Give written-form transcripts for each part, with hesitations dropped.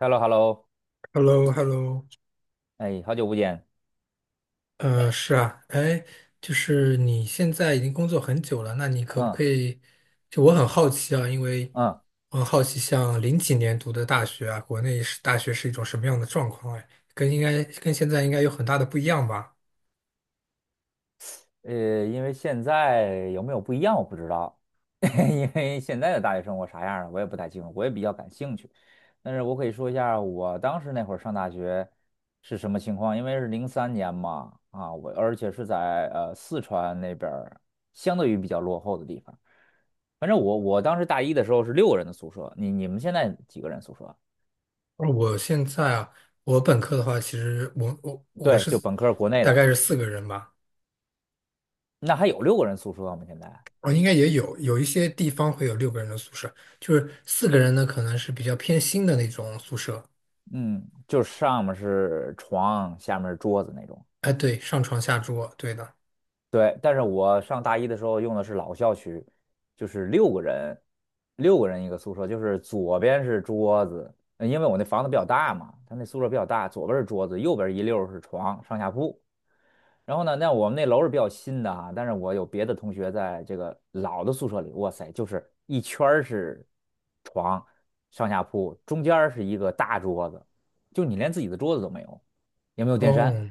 Hello,Hello,Hello, hello 哎，好久不见。是啊，哎，就是你现在已经工作很久了，那你可不嗯可以？就我很好奇啊，因为嗯，我很好奇，像零几年读的大学啊，国内是大学是一种什么样的状况？哎，跟应该跟现在应该有很大的不一样吧？因为现在有没有不一样我不知道，因为现在的大学生活啥样的，我也不太清楚，我也比较感兴趣。但是我可以说一下我当时那会儿上大学是什么情况，因为是03年嘛，啊，我而且是在四川那边儿相对于比较落后的地方。反正我当时大一的时候是六个人的宿舍，你们现在几个人宿舍？而我现在啊，我本科的话，其实我对，是就本科国内大的，概是四个人吧。那还有六个人宿舍吗？现在？我应该也有一些地方会有六个人的宿舍，就是四个人呢，可能是比较偏新的那种宿舍。嗯，就是上面是床，下面是桌子那种。哎，对，上床下桌，对的。对，但是我上大一的时候用的是老校区，就是六个人，六个人一个宿舍，就是左边是桌子，因为我那房子比较大嘛，他那宿舍比较大，左边是桌子，右边一溜儿是床，上下铺。然后呢，那我们那楼是比较新的啊，但是我有别的同学在这个老的宿舍里，哇塞，就是一圈儿是床，上下铺，中间儿是一个大桌子，就你连自己的桌子都没有，也没有电扇。哦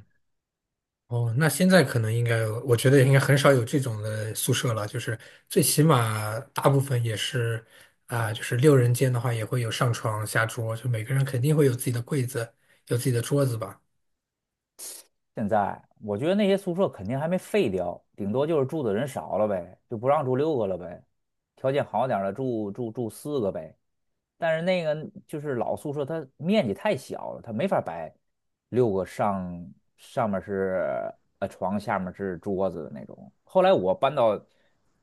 哦，那现在可能应该，我觉得应该很少有这种的宿舍了。就是最起码大部分也是啊、就是六人间的话也会有上床下桌，就每个人肯定会有自己的柜子，有自己的桌子吧。现在我觉得那些宿舍肯定还没废掉，顶多就是住的人少了呗，就不让住六个了呗，条件好点儿的住4个呗。但是那个就是老宿舍，它面积太小了，它没法摆六个上面是床，下面是桌子的那种。后来我搬到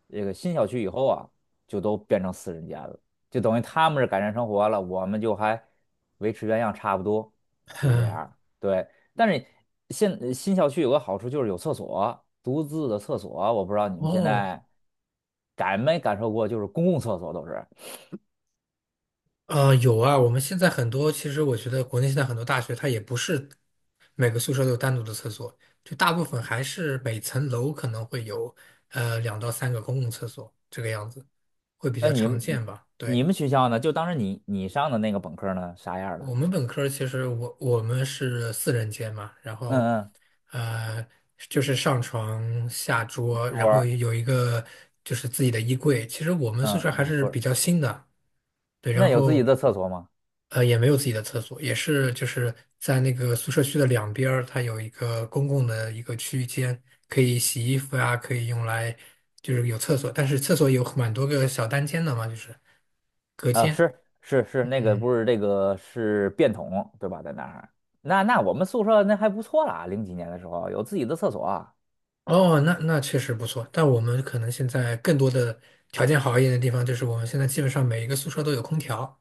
这个新小区以后啊，就都变成4人间了，就等于他们是改善生活了，我们就还维持原样差不多，就是这样对，但是现新小区有个好处就是有厕所，独自的厕所，我不知道你们现哦在感没感受过，就是公共厕所都是。有啊，我们现在很多，其实我觉得国内现在很多大学它也不是每个宿舍都有单独的厕所，就大部分还是每层楼可能会有2到3个公共厕所这个样子，会比那较你常见们吧？你对。们学校呢？就当时你上的那个本科呢，啥样的？我们本科儿其实我们是四人间嘛，然嗯后嗯，呃就是上床下桌，多然后儿，有一个就是自己的衣柜。其实我们宿嗯，舍有还个是棍儿。比较新的，对，然那有自己后的厕所吗？也没有自己的厕所，也是就是在那个宿舍区的两边儿，它有一个公共的一个区间，可以洗衣服呀，可以用来就是有厕所，但是厕所有蛮多个小单间的嘛，就是隔啊，间。是是是，那个嗯。不是这个是便桶对吧？在那儿，那那我们宿舍那还不错啦，0几年的时候有自己的厕所啊。哦，那确实不错，但我们可能现在更多的条件好一点的地方，就是我们现在基本上每一个宿舍都有空调。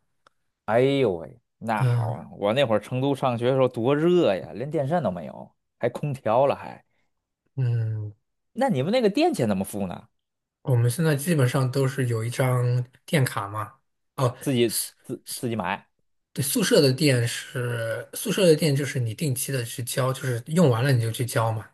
哎呦喂，那好嗯啊！我那会儿成都上学的时候多热呀，连电扇都没有，还空调了还。嗯，那你们那个电钱怎么付呢？我们现在基本上都是有一张电卡嘛。哦，自己宿自己买？对，宿舍的电是宿舍的电，就是你定期的去交，就是用完了你就去交嘛。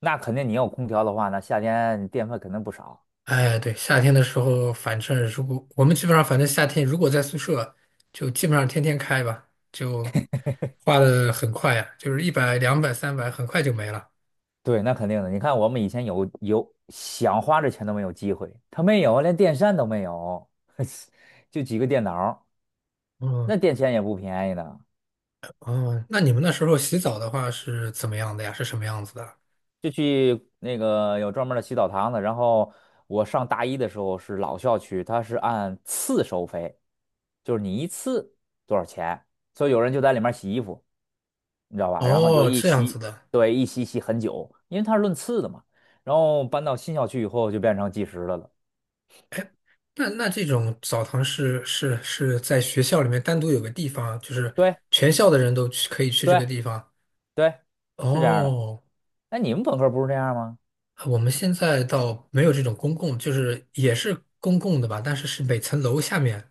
那肯定你有空调的话那夏天你电费肯定不少。哎，对，夏天的时候，反正如果我们基本上，反正夏天如果在宿舍，就基本上天天开吧，就花的很快呀，就是100、200、300，很快就没了。对，那肯定的。你看，我们以前有想花这钱都没有机会，他没有，连电扇都没有，就几个电脑儿哦那电钱也不便宜的。哦，那你们那时候洗澡的话是怎么样的呀？是什么样子的？就去那个有专门儿的洗澡堂子，然后我上大一的时候是老校区，它是按次收费，就是你一次多少钱，所以有人就在里面洗衣服，你知道吧？然后就哦，一这样洗，子的。对，一洗洗很久，因为它是论次的嘛。然后搬到新校区以后就变成计时的了。那这种澡堂是在学校里面单独有个地方，就是对全校的人可以去这个对地方。对，是这样的。哦，哎，你们本科不是这样吗？我们现在倒没有这种公共，就是也是公共的吧，但是是每层楼下面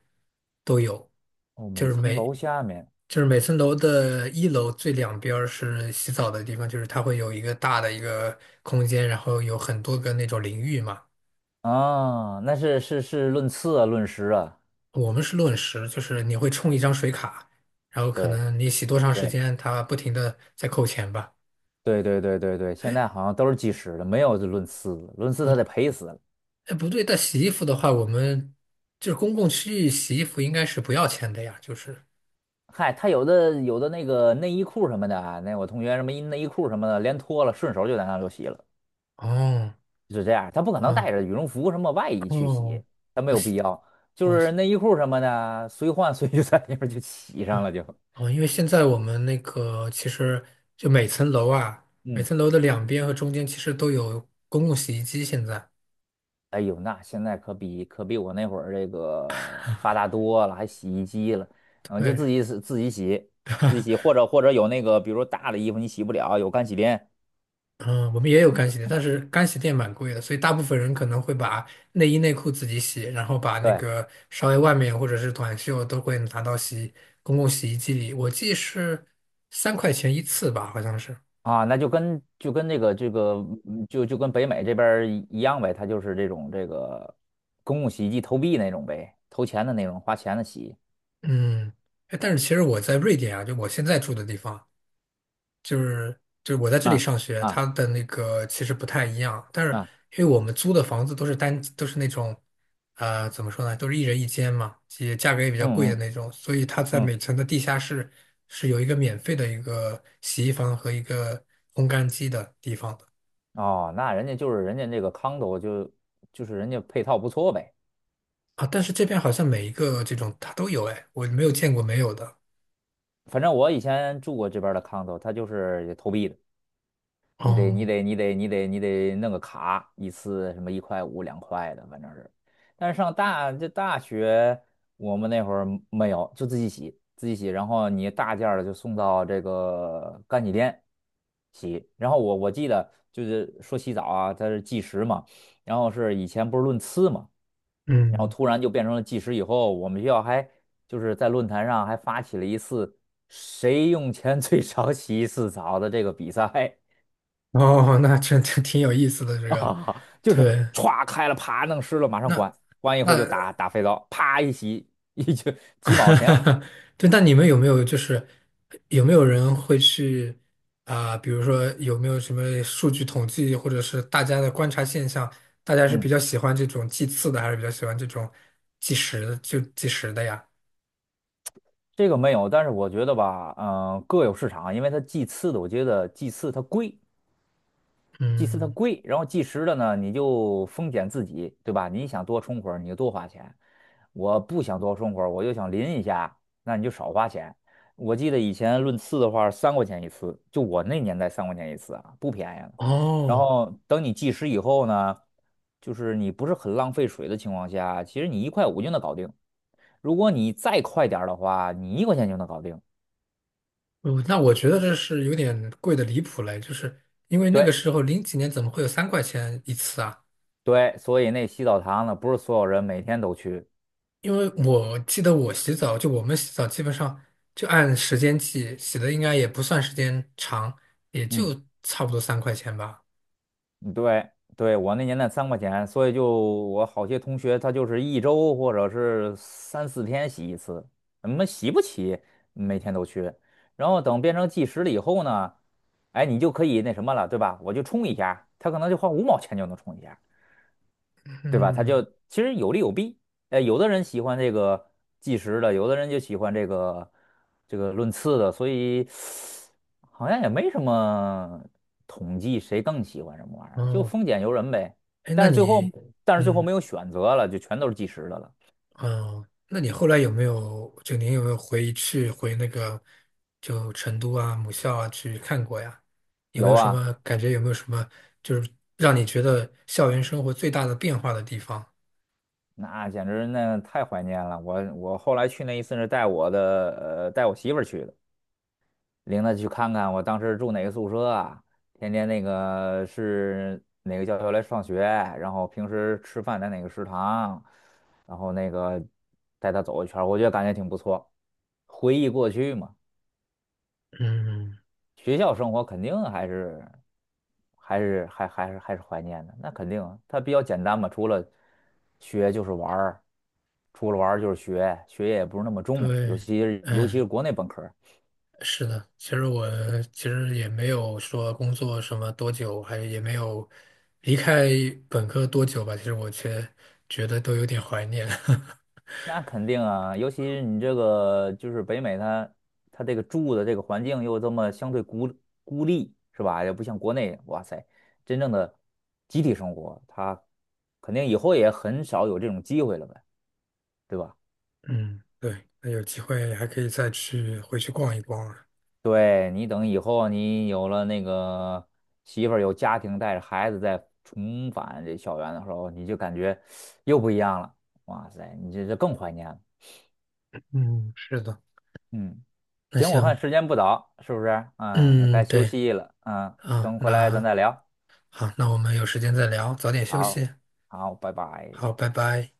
都有，哦，就每是层每楼下面就是每层楼的一楼最两边儿是洗澡的地方，就是它会有一个大的一个空间，然后有很多个那种淋浴嘛。啊，那是是是论次啊，论时啊。我们是论时，就是你会充一张水卡，然后可对能你洗多长时对间，它不停的在扣钱吧。对对对对对，现在好像都是计时的，没有这论次，论次他得赔死了。哎，不对，但洗衣服的话，我们就是公共区域洗衣服应该是不要钱的呀，就是嗨，他有的那个内衣裤什么的啊，那我同学什么一内衣裤什么的，连脱了，顺手就在那就洗了，哦。是这样。他不可能哦带着羽绒服什么外衣去洗，哦，他没我好有必要。就我哦是内衣裤什么的，随换随 就在那边就洗上哦了就。哦，因为现在我们那个其实就每层楼啊，每嗯。层楼的两边和中间其实都有公共洗衣机。现在哎呦，那现在可比我那会儿这个发达多了，还洗衣机了，嗯，就对，自己是自己洗，自己洗，或者有那个，比如大的衣服你洗不了，有干洗店，嗯，我们也有你干就洗店，从但那。是干洗店蛮贵的，所以大部分人可能会把内衣内裤自己洗，然后把那对个稍微外面或者是短袖都会拿到洗公共洗衣机里。我记是三块钱一次吧，好像是。啊，那就就跟那个这个就跟北美这边儿一样呗，他就是这种这个公共洗衣机投币那种呗，投钱的那种，花钱的洗。嗯，哎但是其实我在瑞典啊，就我现在住的地方。就是我在这里啊上学，它啊的那个其实不太一样，但是啊，因为我们租的房子都是那种，怎么说呢，都是一人一间嘛，也价格也比较贵嗯的嗯那种，所以它在嗯，每层的地下室是有一个免费的一个洗衣房和一个烘干机的地方的。哦，那人家就是人家那个 condo 就就是人家配套不错呗。啊，但是这边好像每一个这种它都有哎，我没有见过没有的。反正我以前住过这边的 condo，它就是投币的，你得你哦，得你得你得你得弄个卡，一次什么一块五2块的，反正是。但是上大这大学，我们那会儿没有，就自己洗自己洗，然后你大件儿的就送到这个干洗店洗。然后我记得就是说洗澡啊，它是计时嘛，然后是以前不是论次嘛。然后嗯，突然就变成了计时以后，我们学校还就是在论坛上还发起了一次谁用钱最少洗一次澡的这个比赛。 哦，这挺有意思的 这个，啊，就是对，歘开了，啪弄湿了，马上那关，关以那 后就打打肥皂，啪一洗，一就 几毛哈哈钱。哈，对，那你们有没有就是有没有人会去啊、比如说有没有什么数据统计，或者是大家的观察现象，大家是比嗯，较喜欢这种计次的，还是比较喜欢这种计时的就计时的呀？这个没有，但是我觉得吧，各有市场，因为它祭祀的，我觉得祭祀它贵，祭祀它嗯，贵，然后计时的呢，你就风险自己，对吧？你想多充会儿，你就多花钱；我不想多充会儿，我就想淋一下，那你就少花钱。我记得以前论次的话，三块钱一次，就我那年代三块钱一次啊，不便宜了。然哦，后等你计时以后呢，就是你不是很浪费水的情况下，其实你一块五就能搞定。如果你再快点儿的话，你1块钱就能搞定。我觉得这是有点贵的离谱嘞，就是因为那个对时候零几年怎么会有三块钱一次啊？对，所以那洗澡堂呢，不是所有人每天都去。因为我记得我洗澡，就我们洗澡基本上就按时间计，洗的应该也不算时间长，也嗯。就差不多三块钱吧。对对，我那年代三块钱，所以就我好些同学他就是一周或者是3、4天洗一次，我么洗不起，每天都去。然后等变成计时了以后呢，哎，你就可以那什么了，对吧？我就充一下，他可能就花5毛钱就能充一下。对吧？他就嗯，其实有利有弊。有的人喜欢这个计时的，有的人就喜欢这个论次的，所以好像也没什么统计谁更喜欢什么玩意儿，就哦，丰俭由人呗。哎，但是最后，但是最后嗯，没有选择了，就全都是计时的了。哦，那你后来有没有，就您有没有回那个，就成都啊、母校啊去看过呀？有没有有什啊，么感觉？有没有什么就是让你觉得校园生活最大的变化的地方？那简直那太怀念了。我后来去那一次是带我的带我媳妇儿去的。领他去看看我当时住哪个宿舍啊，天天那个是哪个教学来上学，然后平时吃饭在哪个食堂，然后那个带他走一圈儿我觉得感觉挺不错。回忆过去嘛，嗯，学校生活肯定还是怀念的，那肯定啊它比较简单嘛，除了学就是玩儿，除了玩儿就是学，学业也不是那么重，尤对，其是尤其嗯。是国内本科。是的，其实也没有说工作什么多久，还也没有离开本科多久吧。其实我却觉得都有点怀念。那肯定啊，尤其是你这个就是北美它，它这个住的这个环境又这么相对孤立，是吧？也不像国内，哇塞，真正的集体生活，它肯定以后也很少有这种机会了呗，对吧？嗯，对，那有机会还可以再去回去逛一逛啊。对，你等以后你有了那个媳妇儿，有家庭，带着孩子再重返这校园的时候，你就感觉又不一样了，哇塞，你这这更怀念了，嗯，是的。嗯。那行，我看行，时间不早，是不是？哎，也该嗯，休对息了。嗯，啊，等回来咱那再聊。好，那我们有时间再聊，早点休好，息。好，拜拜。好，拜拜。